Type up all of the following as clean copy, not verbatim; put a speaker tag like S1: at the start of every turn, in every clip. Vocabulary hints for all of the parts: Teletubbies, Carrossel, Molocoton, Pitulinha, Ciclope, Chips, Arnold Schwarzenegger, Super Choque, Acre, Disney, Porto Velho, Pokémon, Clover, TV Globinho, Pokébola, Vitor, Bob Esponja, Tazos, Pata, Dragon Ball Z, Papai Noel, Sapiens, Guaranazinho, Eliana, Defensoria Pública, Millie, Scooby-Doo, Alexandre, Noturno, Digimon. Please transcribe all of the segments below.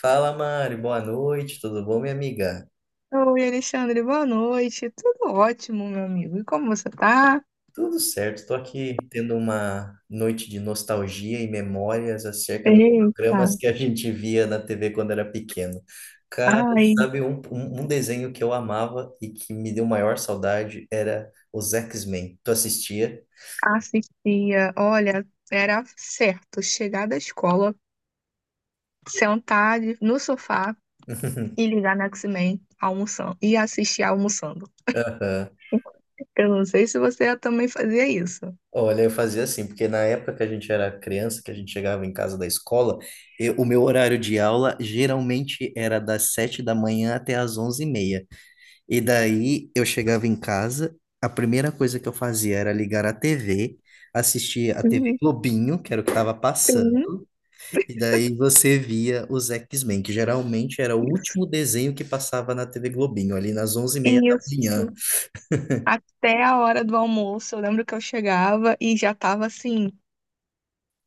S1: Fala, Mari, boa noite, tudo bom, minha amiga?
S2: Oi, Alexandre, boa noite. Tudo ótimo, meu amigo. E como você tá?
S1: Tudo certo, estou aqui tendo uma noite de nostalgia e memórias acerca dos
S2: Eita.
S1: programas que a gente via na TV quando era pequeno. Cara,
S2: Ai,
S1: sabe um desenho que eu amava e que me deu maior saudade era os X-Men. Tu assistia?
S2: assistia. Olha, era certo chegar da escola, no sofá e ligar na X-Men almoçando e assistir almoçando.
S1: Aham.
S2: Eu não sei se você também fazia isso.
S1: Olha, eu fazia assim, porque na época que a gente era criança, que a gente chegava em casa da escola, o meu horário de aula geralmente era das 7 da manhã até às 11h30. E daí eu chegava em casa, a primeira coisa que eu fazia era ligar a TV, assistir a TV
S2: Uhum.
S1: Globinho, que era o que estava
S2: Sim.
S1: passando, e daí você via os X-Men, que geralmente era o
S2: Isso.
S1: último desenho que passava na TV Globinho, ali nas 11h30 da
S2: Isso.
S1: manhã.
S2: Até a hora do almoço, eu lembro que eu chegava e já tava assim,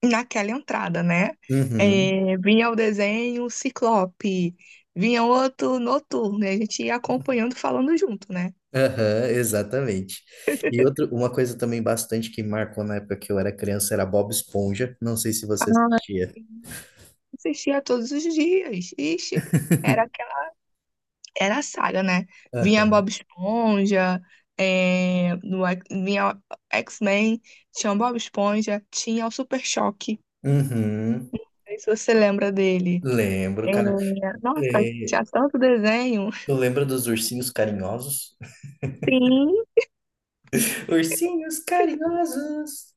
S2: naquela entrada, né?
S1: Uhum.
S2: É, vinha o desenho Ciclope, vinha outro Noturno, e a gente ia acompanhando, falando junto, né?
S1: Aham, exatamente. E outra, uma coisa também bastante que marcou na época que eu era criança era Bob Esponja. Não sei se você
S2: Ah,
S1: assistia.
S2: assistia todos os dias. Ixi, era aquela, era a saga, né? Vinha
S1: Aham.
S2: Bob Esponja, é, no X- vinha X-Men, tinha o Bob Esponja, tinha o Super Choque.
S1: Uhum.
S2: Não sei se você lembra dele.
S1: Lembro,
S2: É,
S1: cara.
S2: nossa,
S1: É,
S2: tinha tanto desenho.
S1: tu lembra dos ursinhos carinhosos?
S2: Sim.
S1: Ursinhos carinhosos.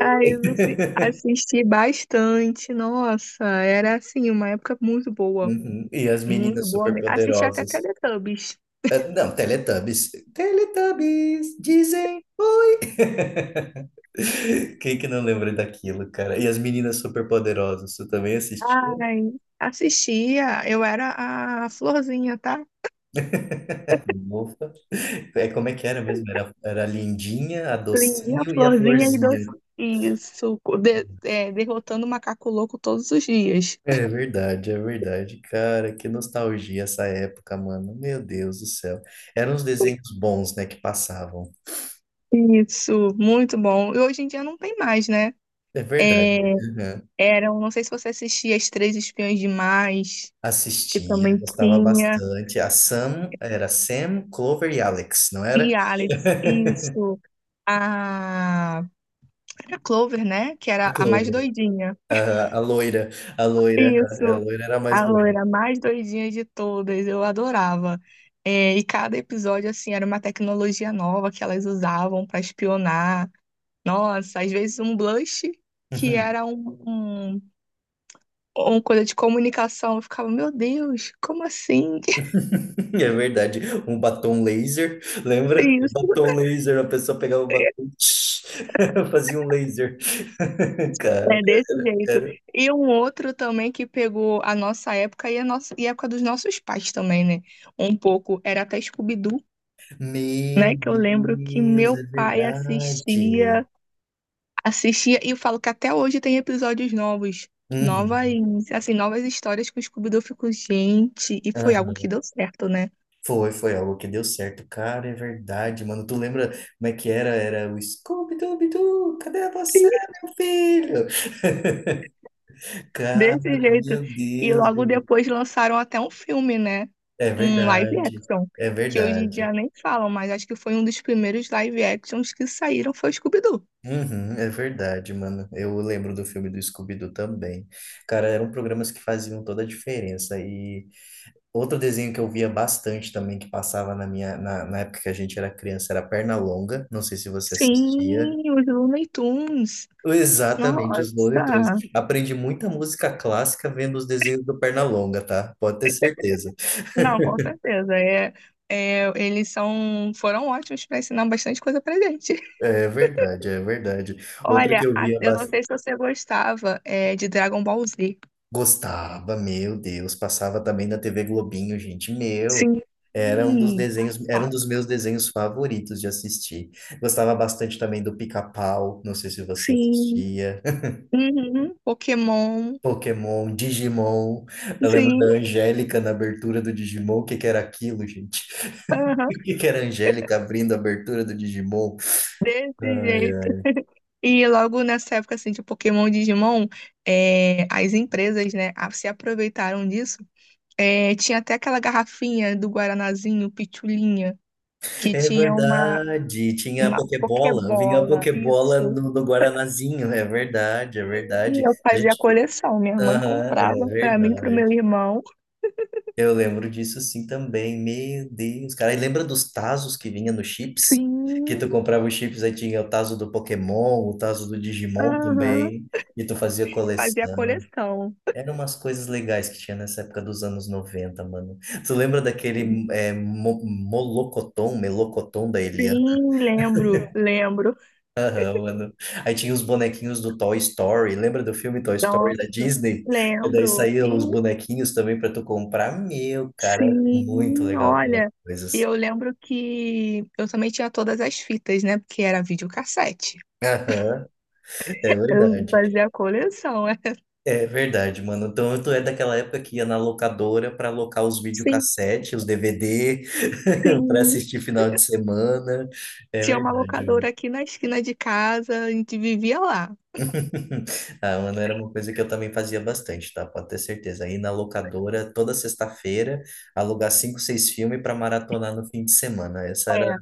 S2: Assisti bastante, nossa, era assim, uma época
S1: Uhum. E as
S2: muito
S1: meninas
S2: boa mesmo. Assisti até
S1: superpoderosas.
S2: Teletubbies.
S1: Ah, não, Teletubbies. Teletubbies, dizem. Quem que não lembra daquilo, cara? E as meninas superpoderosas, tu também assistia?
S2: Ai, assistia, eu era a florzinha, tá?
S1: Ufa. É, como é que era mesmo? Era a Lindinha, a
S2: Lindinha,
S1: Docinho e a
S2: florzinha e
S1: Florzinha.
S2: doce. Isso, derrotando o macaco louco todos os dias.
S1: É verdade, é verdade. Cara, que nostalgia essa época, mano. Meu Deus do céu. Eram uns desenhos bons, né, que passavam.
S2: Isso, muito bom. E hoje em dia não tem mais, né?
S1: É verdade. Uhum.
S2: Eram, não sei se você assistia As Três Espiãs Demais, que
S1: Assistia,
S2: também
S1: gostava
S2: tinha.
S1: bastante. A Sam, era Sam, Clover e Alex, não era?
S2: E Alex, isso. A Era Clover, né? Que
S1: A
S2: era a mais
S1: Clover,
S2: doidinha.
S1: a, a loira, a loira,
S2: Isso.
S1: a loira era a mais
S2: A
S1: doida.
S2: loira mais doidinha de todas. Eu adorava. É, e cada episódio, assim, era uma tecnologia nova que elas usavam para espionar. Nossa, às vezes um blush que
S1: Uhum.
S2: era um- uma coisa de comunicação. Eu ficava: "Meu Deus, como assim?"
S1: É verdade. Um batom laser, lembra? O
S2: Isso.
S1: batom laser, a pessoa pegava o batom, fazia um laser. Cara,
S2: É desse jeito.
S1: cara.
S2: E um outro também que pegou a nossa época e a época dos nossos pais também, né? Um pouco. Era até Scooby-Doo,
S1: Meu
S2: né? Que eu lembro que
S1: Deus, é
S2: meu pai
S1: verdade.
S2: assistia, assistia, e eu falo que até hoje tem episódios novos. Novas,
S1: Uhum.
S2: assim, novas histórias que o Scooby-Doo ficou, gente, e foi algo que
S1: Aham.
S2: deu certo, né?
S1: Foi algo que deu certo. Cara, é verdade, mano. Tu lembra como é que era? Era o Scooby-Dooby-Doo, cadê você, meu filho? Cara,
S2: Desse jeito.
S1: meu
S2: E
S1: Deus,
S2: logo
S1: velho.
S2: depois lançaram até um filme, né?
S1: É
S2: Um live
S1: verdade,
S2: action.
S1: é
S2: Que hoje em
S1: verdade.
S2: dia nem falam, mas acho que foi um dos primeiros live actions que saíram foi o Scooby-Doo.
S1: Uhum, é verdade, mano. Eu lembro do filme do Scooby-Doo também. Cara, eram programas que faziam toda a diferença. E outro desenho que eu via bastante também, que passava na na época que a gente era criança, era Pernalonga. Não sei se você assistia.
S2: Sim, os Looney Tunes.
S1: Exatamente, os monitores.
S2: Nossa!
S1: Aprendi muita música clássica vendo os desenhos do Pernalonga, tá? Pode ter certeza.
S2: Não, com certeza. É, eles são, foram ótimos para ensinar bastante coisa pra gente.
S1: É verdade, é verdade. Outra que
S2: Olha,
S1: eu via
S2: eu não
S1: bas-
S2: sei se você gostava, é, de Dragon Ball Z.
S1: Gostava, meu Deus, passava também na TV Globinho, gente. Meu,
S2: Sim.
S1: era um dos desenhos, era um dos
S2: Passado.
S1: meus desenhos favoritos de assistir. Gostava bastante também do Pica-Pau, não sei se você
S2: Sim.
S1: assistia.
S2: Uhum. Pokémon.
S1: Pokémon, Digimon. Eu lembro da
S2: Sim,
S1: Angélica na abertura do Digimon, o que que era aquilo, gente? O
S2: aham,
S1: que que era a Angélica abrindo a abertura do Digimon?
S2: desse
S1: Ai,
S2: jeito.
S1: ai.
S2: E logo nessa época, assim, de Pokémon e Digimon, é, as empresas, né, se aproveitaram disso. É, tinha até aquela garrafinha do Guaranazinho, Pitulinha, que
S1: É
S2: tinha
S1: verdade, tinha a
S2: uma
S1: Pokébola, vinha a
S2: Pokébola,
S1: Pokébola
S2: isso.
S1: no Guaranazinho, é verdade, é verdade.
S2: E eu
S1: A
S2: fazia a
S1: gente,
S2: coleção. Minha mãe
S1: aham, é
S2: comprava pra mim e pro meu
S1: verdade.
S2: irmão.
S1: Eu lembro disso sim também, meu Deus, cara. E lembra dos Tazos que vinha no Chips? Que tu
S2: Sim,
S1: comprava os chips, aí tinha o Tazo do Pokémon, o Tazo do Digimon
S2: aham,
S1: também, e tu fazia
S2: fazia a
S1: coleção.
S2: coleção.
S1: Eram umas coisas legais que tinha nessa época dos anos 90, mano. Tu lembra daquele é, Molocoton, Melocoton da Eliana,
S2: Sim, lembro, lembro.
S1: mano? Aí tinha os bonequinhos do Toy Story. Lembra do filme Toy Story da
S2: Nossa,
S1: Disney? E daí
S2: lembro.
S1: saíam os bonequinhos também pra tu comprar. Meu, cara, era muito
S2: Sim,
S1: legal aquelas
S2: olha, e
S1: coisas.
S2: eu lembro que eu também tinha todas as fitas, né? Porque era videocassete.
S1: Aham, é
S2: Eu
S1: verdade.
S2: fazia a coleção, é.
S1: É verdade, mano. Então, tu é daquela época que ia na locadora para alocar os
S2: Sim,
S1: videocassete, os DVD, para
S2: sim.
S1: assistir final de semana. É
S2: Tinha uma
S1: verdade,
S2: locadora
S1: mano.
S2: aqui na esquina de casa, a gente vivia lá.
S1: Ah, mano, era uma coisa que eu também fazia bastante, tá? Pode ter certeza. Ir na locadora toda sexta-feira, alugar cinco, seis filmes para maratonar no fim de semana. Essa era,
S2: É,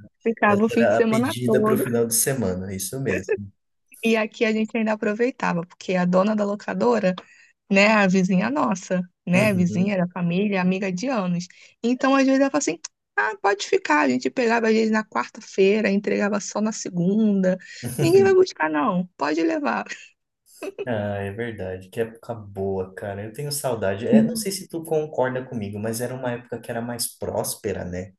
S1: essa
S2: ficava o fim de
S1: era a
S2: semana
S1: pedida para o
S2: todo.
S1: final de semana, isso mesmo.
S2: E aqui a gente ainda aproveitava, porque a dona da locadora, né? A vizinha nossa, né? A
S1: Uhum.
S2: vizinha da família, amiga de anos. Então, às vezes, ela fala assim: "Ah, pode ficar". A gente pegava, às vezes, na quarta-feira, entregava só na segunda. "Ninguém vai buscar, não. Pode levar".
S1: Ah, é verdade, que época boa, cara. Eu tenho saudade. É, não sei se tu concorda comigo, mas era uma época que era mais próspera, né?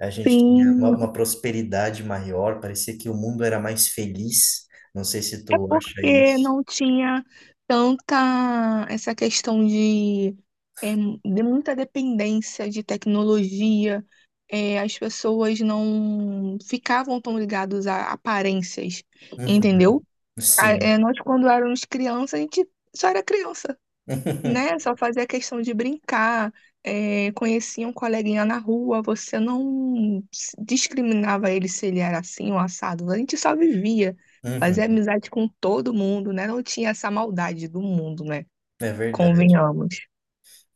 S1: A gente tinha uma,
S2: Sim,
S1: uma prosperidade maior, parecia que o mundo era mais feliz. Não sei se
S2: é
S1: tu acha
S2: porque
S1: isso.
S2: não tinha tanta essa questão de, é, de muita dependência de tecnologia. É, as pessoas não ficavam tão ligadas a aparências,
S1: Uhum,
S2: entendeu?
S1: sim.
S2: Nós, quando éramos crianças, a gente só era criança, né? Só fazia questão de brincar, é, conhecia um coleguinha na rua, você não s- discriminava ele se ele era assim ou assado, a gente só vivia, fazia
S1: Uhum,
S2: amizade com todo mundo, né? Não tinha essa maldade do mundo, né?
S1: é verdade.
S2: Convenhamos.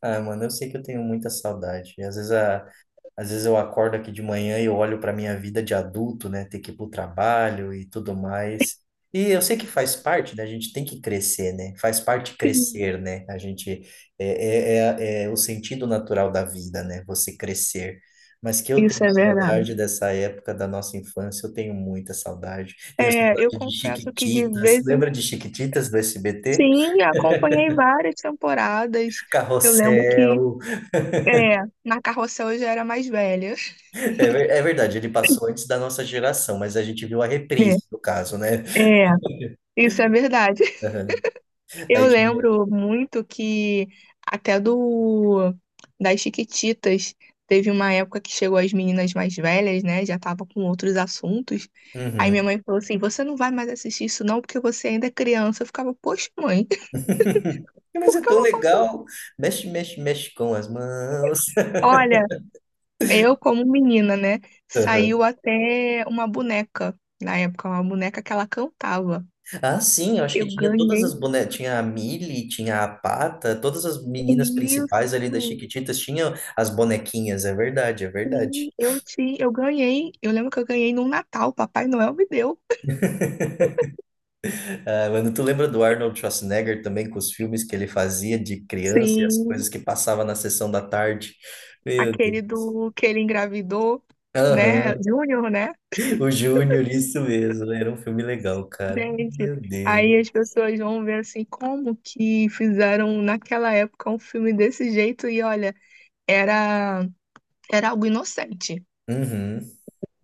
S1: Ah, mano, eu sei que eu tenho muita saudade. E às vezes às vezes eu acordo aqui de manhã e eu olho para minha vida de adulto, né? Ter que ir para o trabalho e tudo mais. E eu sei que faz parte, né? A gente tem que crescer, né? Faz parte
S2: Sim,
S1: crescer, né? A gente é o sentido natural da vida, né? Você crescer. Mas que eu
S2: isso
S1: tenho
S2: é
S1: saudade
S2: verdade.
S1: dessa época da nossa infância, eu tenho muita saudade. Tenho
S2: É, eu
S1: saudade de
S2: confesso que de
S1: Chiquititas.
S2: vez em,
S1: Lembra de Chiquititas do SBT?
S2: sim, acompanhei várias temporadas. Eu lembro que
S1: Carrossel.
S2: é, na Carrossel eu já era mais velha.
S1: É, é verdade, ele passou antes da nossa geração, mas a gente viu a reprise, no caso, né?
S2: É, isso é verdade.
S1: Aham.
S2: Eu
S1: Aí tinha.
S2: lembro muito que até do, das Chiquititas, teve uma época que chegou as meninas mais velhas, né? Já tava com outros assuntos. Aí minha
S1: Uhum.
S2: mãe falou assim: "Você não vai mais assistir isso não, porque você ainda é criança". Eu ficava: "Poxa, mãe,
S1: Mas
S2: por
S1: é
S2: que eu
S1: tão
S2: não posso?".
S1: legal. Mexe, mexe, mexe com as mãos.
S2: Olha, eu como menina, né?
S1: Aham.
S2: Saiu até uma boneca na época, uma boneca que ela cantava.
S1: Ah, sim, eu acho que
S2: Eu
S1: tinha todas
S2: ganhei
S1: as bonecas. Tinha a Millie, tinha a Pata, todas as meninas principais ali das
S2: isso.
S1: Chiquititas tinham as bonequinhas, é verdade, é verdade.
S2: Sim, eu ganhei. Eu lembro que eu ganhei num Natal, Papai Noel me deu.
S1: Ah, mano, tu lembra do Arnold Schwarzenegger também com os filmes que ele fazia de criança e as
S2: Sim,
S1: coisas que passava na sessão da tarde? Meu Deus.
S2: aquele do que ele engravidou, né?
S1: Aham.
S2: Júnior, né?
S1: O Júnior, isso mesmo. Era um filme legal, cara.
S2: Gente,
S1: Meu Deus.
S2: aí as pessoas vão ver assim como que fizeram naquela época um filme desse jeito e olha, era era algo inocente.
S1: Uhum.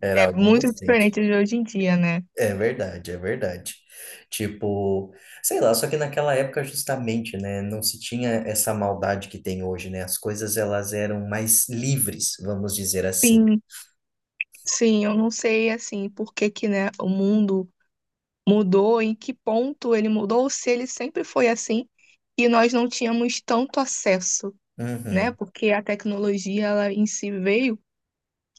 S1: Era
S2: É
S1: algo
S2: muito
S1: inocente.
S2: diferente de hoje em dia, né?
S1: É verdade, é verdade. Tipo, sei lá, só que naquela época justamente, né, não se tinha essa maldade que tem hoje, né? As coisas elas eram mais livres, vamos dizer assim.
S2: Sim, sim, eu não sei assim por que que, né, o mundo mudou, em que ponto ele mudou, ou se ele sempre foi assim e nós não tínhamos tanto acesso, né?
S1: Uhum.
S2: Porque a tecnologia ela em si veio,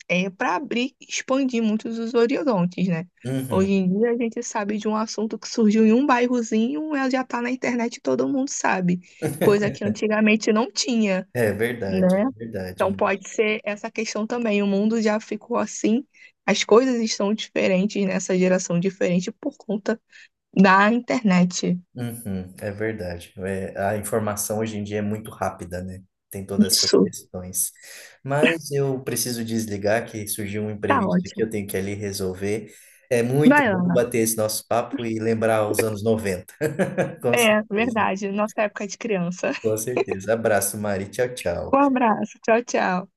S2: é, para abrir e expandir muitos os horizontes, né?
S1: Uhum.
S2: Hoje em dia a gente sabe de um assunto que surgiu em um bairrozinho, ela já está na internet e todo mundo sabe, coisa que antigamente não tinha,
S1: É verdade,
S2: né?
S1: é verdade.
S2: Então pode ser essa questão também. O mundo já ficou assim, as coisas estão diferentes nessa geração diferente por conta da internet.
S1: Uhum, é verdade. É, a informação hoje em dia é muito rápida, né? Tem todas essas
S2: Isso.
S1: questões. Mas eu preciso desligar, que surgiu um
S2: Tá
S1: imprevisto aqui,
S2: ótimo.
S1: eu tenho que ali resolver. É muito
S2: Vai
S1: bom
S2: lá.
S1: bater esse nosso papo e lembrar os anos 90. Com
S2: É,
S1: certeza,
S2: verdade. Nossa época de criança.
S1: com certeza. Abraço, Mari. Tchau,
S2: Um
S1: tchau.
S2: abraço. Tchau, tchau.